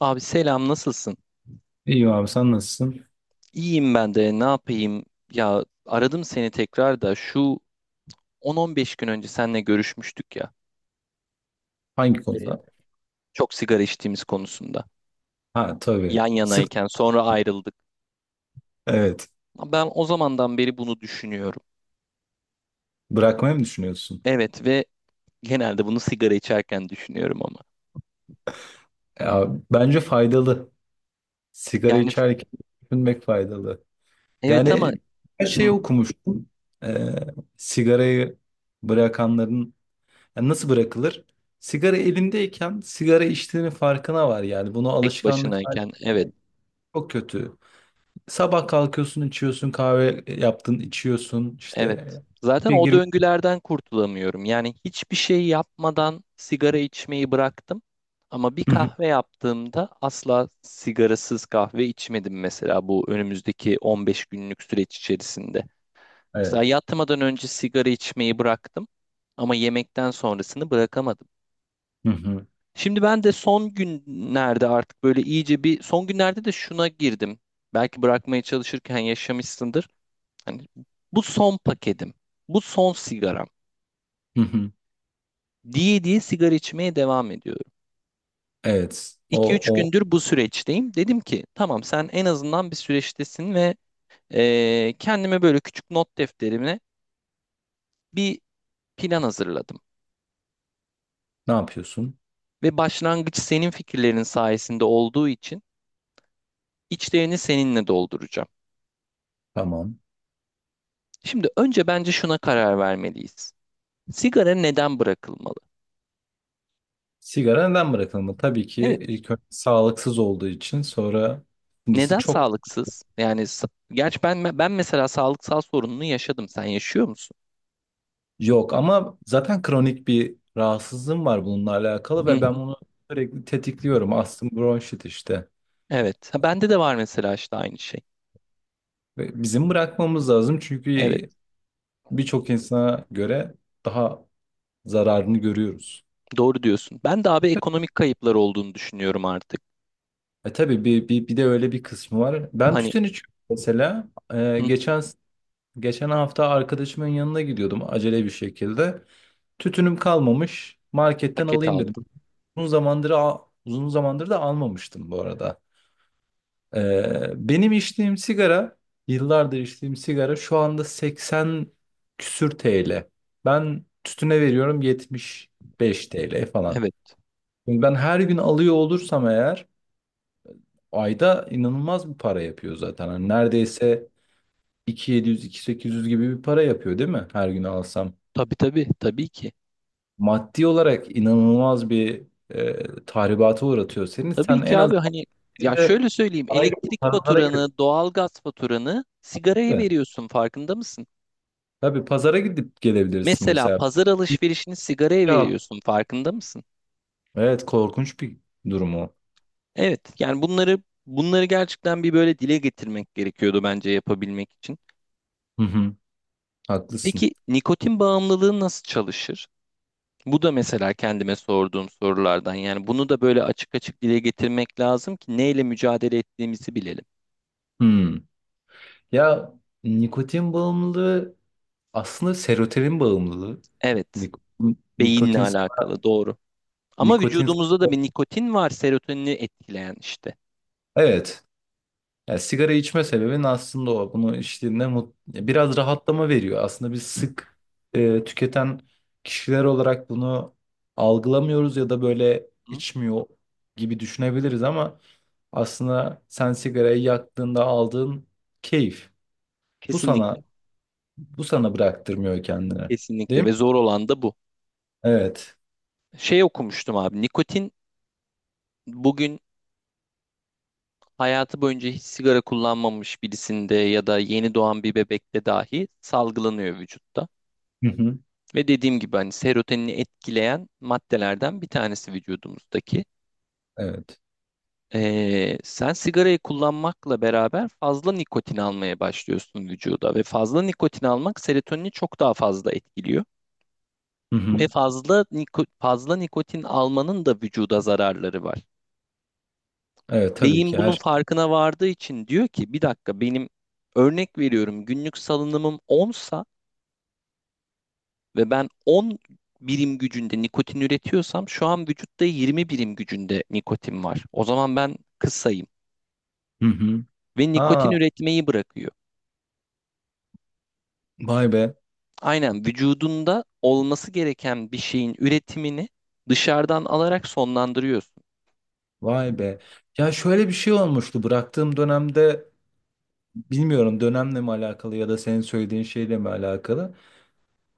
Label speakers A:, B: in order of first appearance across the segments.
A: Abi selam, nasılsın?
B: İyiyim abi sen nasılsın?
A: İyiyim, ben de ne yapayım? Ya aradım seni tekrar da şu 10-15 gün önce seninle görüşmüştük ya.
B: Hangi
A: e,
B: konuda?
A: Çok sigara içtiğimiz konusunda.
B: Ha tabii.
A: Yan yanayken sonra ayrıldık.
B: Evet.
A: Ben o zamandan beri bunu düşünüyorum.
B: Bırakmayı mı düşünüyorsun?
A: Evet ve genelde bunu sigara içerken düşünüyorum ama.
B: Ya, bence faydalı. Sigara
A: Yani
B: içerken düşünmek faydalı.
A: evet ama
B: Yani her
A: hı hı,
B: şeyi okumuştum. Ee, Sigarayı bırakanların yani nasıl bırakılır? Sigara elindeyken sigara içtiğinin farkına var yani. Bunu
A: tek
B: alışkanlık haline
A: başınayken evet.
B: çok kötü. Sabah kalkıyorsun içiyorsun kahve yaptın içiyorsun
A: Evet.
B: işte.
A: Zaten
B: Bir
A: o
B: girme-
A: döngülerden kurtulamıyorum. Yani hiçbir şey yapmadan sigara içmeyi bıraktım. Ama bir
B: Hı hı.
A: kahve yaptığımda asla sigarasız kahve içmedim mesela bu önümüzdeki 15 günlük süreç içerisinde.
B: Evet.
A: Mesela yatmadan önce sigara içmeyi bıraktım ama yemekten sonrasını bırakamadım.
B: Hı hı.
A: Şimdi ben de son günlerde artık böyle iyice bir son günlerde de şuna girdim. Belki bırakmaya çalışırken yaşamışsındır. Hani bu son paketim. Bu son sigaram.
B: Hı hı.
A: Diye diye sigara içmeye devam ediyorum.
B: Evet. O,
A: 2 üç
B: o
A: gündür bu süreçteyim. Dedim ki tamam, sen en azından bir süreçtesin ve kendime böyle küçük not defterime bir plan hazırladım.
B: Ne yapıyorsun?
A: Ve başlangıç senin fikirlerin sayesinde olduğu için içlerini seninle dolduracağım.
B: Tamam.
A: Şimdi önce bence şuna karar vermeliyiz. Sigara neden bırakılmalı?
B: Sigara neden bırakılmalı? Tabii ki
A: Evet,
B: ilk önce sağlıksız olduğu için, sonra ikincisi
A: neden
B: çok
A: sağlıksız? Yani gerçi ben mesela sağlıksal sorununu yaşadım. Sen yaşıyor musun?
B: yok ama zaten kronik bir rahatsızlığım var bununla alakalı
A: Hı
B: ve ben
A: hı.
B: bunu sürekli tetikliyorum. Astım, bronşit işte.
A: Evet. Ha, bende de var mesela işte aynı şey.
B: Ve bizim bırakmamız lazım çünkü
A: Evet,
B: birçok insana göre daha zararını görüyoruz.
A: doğru diyorsun. Ben de abi ekonomik kayıplar olduğunu düşünüyorum artık.
B: E tabii bir de öyle bir kısmı var. Ben
A: Hani
B: tütün içiyorum mesela. E,
A: hı,
B: geçen Geçen hafta arkadaşımın yanına gidiyordum acele bir şekilde. Tütünüm kalmamış. Marketten
A: paket
B: alayım dedim.
A: aldım.
B: Uzun zamandır al- uzun zamandır da almamıştım bu arada. Benim içtiğim sigara, yıllardır içtiğim sigara şu anda 80 küsür TL. Ben tütüne veriyorum 75 TL falan.
A: Evet,
B: Şimdi ben her gün alıyor olursam eğer ayda inanılmaz bir para yapıyor zaten. Hani neredeyse 2700-2800 gibi bir para yapıyor değil mi, her gün alsam?
A: tabii tabii, tabii ki.
B: Maddi olarak inanılmaz bir tahribata uğratıyor seni.
A: Tabii
B: Sen
A: ki
B: en az
A: abi hani
B: bir
A: ya
B: de
A: şöyle söyleyeyim,
B: paraya gidip,
A: elektrik
B: pazara gidip,
A: faturanı, doğalgaz faturanı sigaraya
B: değil mi?
A: veriyorsun, farkında mısın?
B: Tabii pazara gidip gelebilirsin
A: Mesela
B: mesela.
A: pazar alışverişini sigaraya
B: Ya.
A: veriyorsun, farkında mısın?
B: Evet, korkunç bir durum o.
A: Evet, yani bunları gerçekten bir böyle dile getirmek gerekiyordu bence yapabilmek için.
B: Hı hı, haklısın.
A: Peki nikotin bağımlılığı nasıl çalışır? Bu da mesela kendime sorduğum sorulardan. Yani bunu da böyle açık açık dile getirmek lazım ki neyle mücadele ettiğimizi bilelim.
B: Hmm. Ya, nikotin bağımlılığı aslında serotonin bağımlılığı.
A: Evet,
B: Nikotin,
A: beyinle
B: nikotin,
A: alakalı, doğru. Ama
B: nikotin.
A: vücudumuzda da bir nikotin var, serotonini etkileyen işte.
B: Evet. Ya sigara içme sebebin aslında o. Bunu içtiğinde biraz rahatlama veriyor. Aslında biz sık tüketen kişiler olarak bunu algılamıyoruz ya da böyle
A: Hı?
B: içmiyor gibi düşünebiliriz ama aslında sen sigarayı yaktığında aldığın keyif bu sana
A: Kesinlikle.
B: bu sana bıraktırmıyor kendini. Değil
A: Kesinlikle
B: mi?
A: ve zor olan da bu.
B: Evet.
A: Şey okumuştum abi. Nikotin bugün hayatı boyunca hiç sigara kullanmamış birisinde ya da yeni doğan bir bebekte dahi salgılanıyor vücutta.
B: Hı hı.
A: Ve dediğim gibi hani serotonini etkileyen maddelerden bir tanesi vücudumuzdaki.
B: Evet.
A: Sen sigarayı kullanmakla beraber fazla nikotin almaya başlıyorsun vücuda ve fazla nikotin almak serotonini çok daha fazla etkiliyor.
B: Hı hı.
A: Ve fazla nikotin almanın da vücuda zararları var.
B: Evet, tabii
A: Beyin
B: ki
A: bunun
B: her.
A: farkına vardığı için diyor ki bir dakika, benim örnek veriyorum günlük salınımım 10 ve ben 10 birim gücünde nikotin üretiyorsam şu an vücutta 20 birim gücünde nikotin var. O zaman ben kısayım
B: Hı hı.
A: ve nikotin
B: Ha,
A: üretmeyi bırakıyor.
B: vay be.
A: Aynen, vücudunda olması gereken bir şeyin üretimini dışarıdan alarak sonlandırıyorsun.
B: Vay be. Ya şöyle bir şey olmuştu bıraktığım dönemde. Bilmiyorum dönemle mi alakalı ya da senin söylediğin şeyle mi alakalı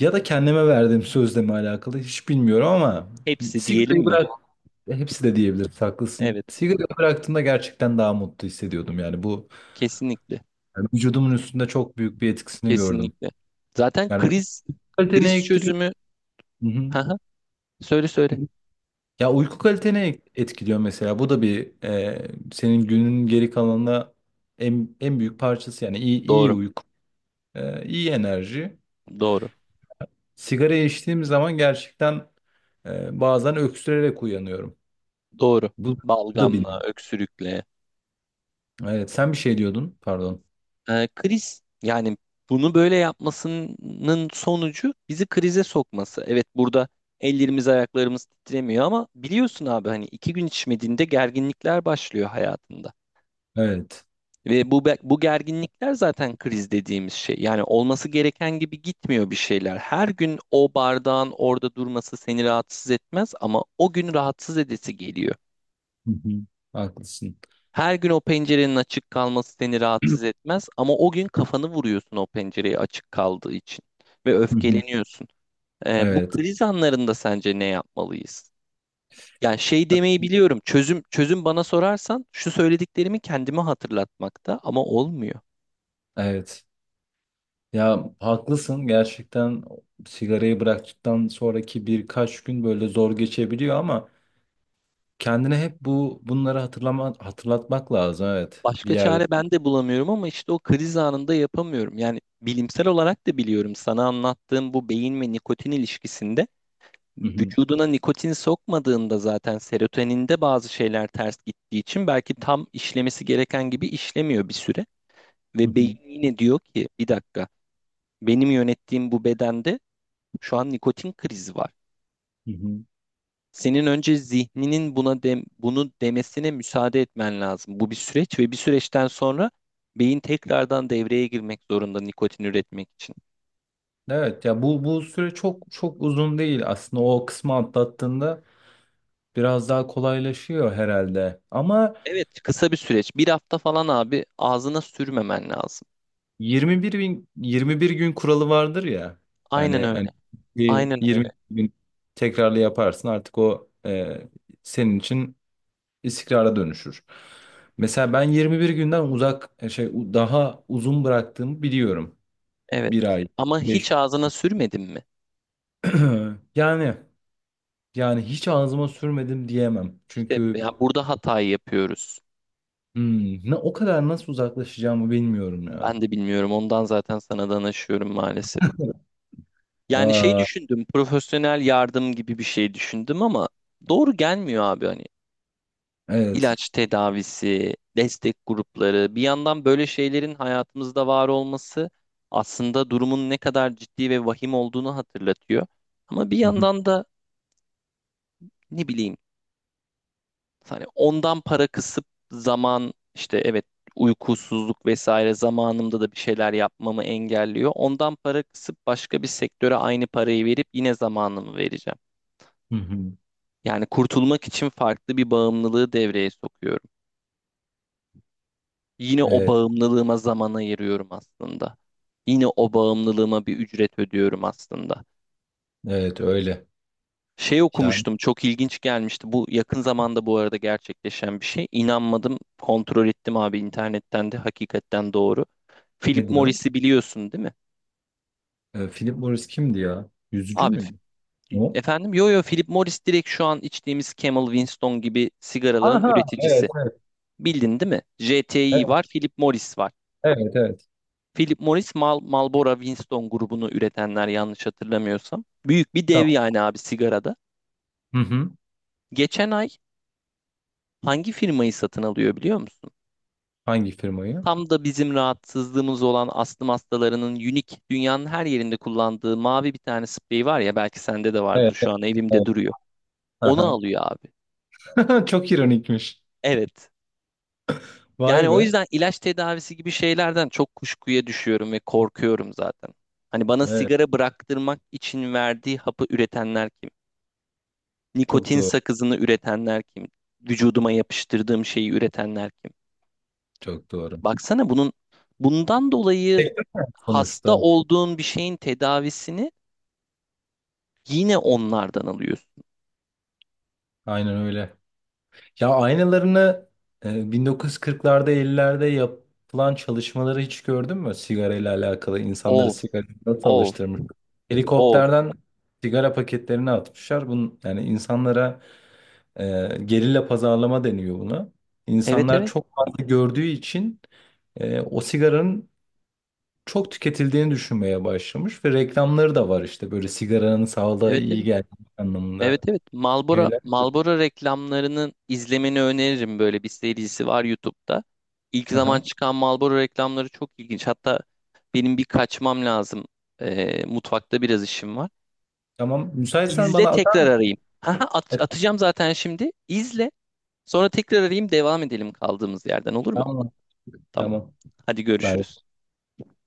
B: ya da kendime verdiğim sözle mi alakalı hiç bilmiyorum ama
A: Hepsi diyelim
B: sigarayı
A: mi?
B: bırak hepsi de diyebiliriz, haklısın.
A: Evet,
B: Sigarayı bıraktığımda gerçekten daha mutlu hissediyordum, yani bu
A: kesinlikle.
B: yani vücudumun üstünde çok büyük bir etkisini gördüm.
A: Kesinlikle. Zaten
B: Yani uyku
A: kriz
B: kalitene
A: kriz
B: ektiriyor.
A: çözümü
B: Hı hı.
A: Haha, söyle söyle.
B: Ya, uyku kalitene etkiliyor mesela, bu da bir senin günün geri kalanına en büyük parçası yani iyi
A: Doğru.
B: uyku, iyi enerji.
A: Doğru.
B: Sigarayı içtiğim zaman gerçekten bazen öksürerek uyanıyorum.
A: Doğru.
B: Bu, bu da
A: Balgamla,
B: benim.
A: öksürükle.
B: Evet, sen bir şey diyordun, pardon.
A: Kriz yani bunu böyle yapmasının sonucu bizi krize sokması. Evet, burada ellerimiz ayaklarımız titremiyor ama biliyorsun abi hani iki gün içmediğinde gerginlikler başlıyor hayatında.
B: Evet.
A: Ve bu gerginlikler zaten kriz dediğimiz şey. Yani olması gereken gibi gitmiyor bir şeyler. Her gün o bardağın orada durması seni rahatsız etmez ama o gün rahatsız edesi geliyor.
B: Hı hı. Haklısın.
A: Her gün o pencerenin açık kalması seni rahatsız etmez ama o gün kafanı vuruyorsun o pencereye açık kaldığı için ve
B: Hı hı.
A: öfkeleniyorsun. Bu
B: Evet.
A: kriz anlarında sence ne yapmalıyız? Yani şey demeyi biliyorum. Çözüm bana sorarsan şu söylediklerimi kendime hatırlatmakta, ama olmuyor.
B: Evet. Ya haklısın, gerçekten sigarayı bıraktıktan sonraki birkaç gün böyle zor geçebiliyor ama kendine hep bunları hatırlatmak lazım, evet, bir
A: Başka
B: yerde.
A: çare ben de bulamıyorum ama işte o kriz anında yapamıyorum. Yani bilimsel olarak da biliyorum, sana anlattığım bu beyin ve nikotin ilişkisinde
B: Hı hı,
A: vücuduna nikotin sokmadığında zaten serotoninde bazı şeyler ters gittiği için belki tam işlemesi gereken gibi işlemiyor bir süre.
B: hı
A: Ve
B: hı,
A: beyin yine diyor ki bir dakika, benim yönettiğim bu bedende şu an nikotin krizi var.
B: hı hı.
A: Senin önce zihninin buna bunu demesine müsaade etmen lazım. Bu bir süreç ve bir süreçten sonra beyin tekrardan devreye girmek zorunda nikotin üretmek için.
B: Evet ya, bu süre çok çok uzun değil aslında, o kısmı atlattığında biraz daha kolaylaşıyor herhalde. Ama
A: Evet, kısa bir süreç. Bir hafta falan abi ağzına sürmemen lazım.
B: 21 gün kuralı vardır ya.
A: Aynen
B: Yani
A: öyle.
B: hani bir
A: Aynen öyle.
B: 20 gün tekrarlı yaparsın, artık o senin için istikrara dönüşür. Mesela ben 21 günden uzak e, şey u- daha uzun bıraktığımı biliyorum.
A: Evet.
B: Bir ay,
A: Ama
B: beş
A: hiç ağzına sürmedin mi?
B: yani yani hiç ağzıma sürmedim diyemem.
A: İşte
B: Çünkü
A: ya burada hatayı yapıyoruz.
B: ne o kadar nasıl uzaklaşacağımı bilmiyorum ya.
A: Ben de bilmiyorum. Ondan zaten sana danışıyorum maalesef. Yani şey
B: Aa,
A: düşündüm. Profesyonel yardım gibi bir şey düşündüm ama doğru gelmiyor abi hani.
B: evet.
A: İlaç tedavisi, destek grupları, bir yandan böyle şeylerin hayatımızda var olması aslında durumun ne kadar ciddi ve vahim olduğunu hatırlatıyor. Ama bir yandan da ne bileyim, hani ondan para kısıp zaman işte evet uykusuzluk vesaire zamanımda da bir şeyler yapmamı engelliyor. Ondan para kısıp başka bir sektöre aynı parayı verip yine zamanımı vereceğim.
B: Hı hı.
A: Yani kurtulmak için farklı bir bağımlılığı devreye sokuyorum. Yine o
B: Evet,
A: bağımlılığıma zaman ayırıyorum aslında. Yine o bağımlılığıma bir ücret ödüyorum aslında.
B: evet öyle.
A: Şey
B: Yani
A: okumuştum, çok ilginç gelmişti. Bu yakın zamanda bu arada gerçekleşen bir şey. İnanmadım, kontrol ettim abi internetten de, hakikaten doğru. Philip
B: nedir o?
A: Morris'i biliyorsun değil mi?
B: Philip Morris kimdi ya? Yüzücü
A: Abi
B: müydü? O?
A: efendim, yo yo, Philip Morris direkt şu an içtiğimiz Camel Winston gibi sigaraların
B: Aha, evet,
A: üreticisi.
B: evet,
A: Bildin değil mi?
B: evet,
A: JTI var, Philip Morris var.
B: evet, evet.
A: Philip Morris Marlboro Winston grubunu üretenler yanlış hatırlamıyorsam. Büyük bir dev
B: Tamam.
A: yani abi sigarada.
B: Hı hı.
A: Geçen ay hangi firmayı satın alıyor biliyor musun?
B: Hangi firmayı?
A: Tam da bizim rahatsızlığımız olan astım hastalarının unik dünyanın her yerinde kullandığı mavi bir tane sprey var ya, belki sende de vardır,
B: Evet,
A: şu
B: evet.
A: an evimde
B: Evet.
A: duruyor. Onu
B: Aha.
A: alıyor abi.
B: Çok ironikmiş.
A: Evet.
B: Vay
A: Yani o
B: be.
A: yüzden ilaç tedavisi gibi şeylerden çok kuşkuya düşüyorum ve korkuyorum zaten. Hani bana
B: Evet,
A: sigara bıraktırmak için verdiği hapı üretenler kim?
B: çok
A: Nikotin
B: doğru,
A: sakızını üretenler kim? Vücuduma yapıştırdığım şeyi üretenler kim?
B: çok doğru.
A: Baksana bunun bundan dolayı
B: Sektör
A: hasta
B: Sonuçta,
A: olduğun bir şeyin tedavisini yine onlardan alıyorsun.
B: aynen öyle. Ya aynalarını 1940'larda 50'lerde yapılan çalışmaları hiç gördün mü? Sigara ile alakalı insanları
A: Of,
B: sigara nasıl
A: of,
B: alıştırmış?
A: of.
B: Helikopterden sigara paketlerini atmışlar. Bunun, yani insanlara gerilla pazarlama deniyor buna.
A: Evet,
B: İnsanlar
A: evet,
B: çok fazla gördüğü için o sigaranın çok tüketildiğini düşünmeye başlamış ve reklamları da var işte böyle sigaranın sağlığa
A: evet,
B: iyi
A: evet.
B: geldiği
A: Evet
B: anlamında
A: evet, Marlboro
B: şeyler.
A: Marlboro reklamlarının izlemeni öneririm, böyle bir serisi var YouTube'da. İlk zaman
B: Aha.
A: çıkan Marlboro reklamları çok ilginç. Hatta benim bir kaçmam lazım. Mutfakta biraz işim var.
B: Tamam. Müsaitsen
A: İzle,
B: bana atar
A: tekrar
B: mısın?
A: arayayım. Haha, at,
B: Evet,
A: atacağım zaten şimdi. İzle. Sonra tekrar arayayım, devam edelim kaldığımız yerden, olur mu?
B: tamam.
A: Tamam.
B: Tamam.
A: Hadi
B: Bay
A: görüşürüz.
B: bay.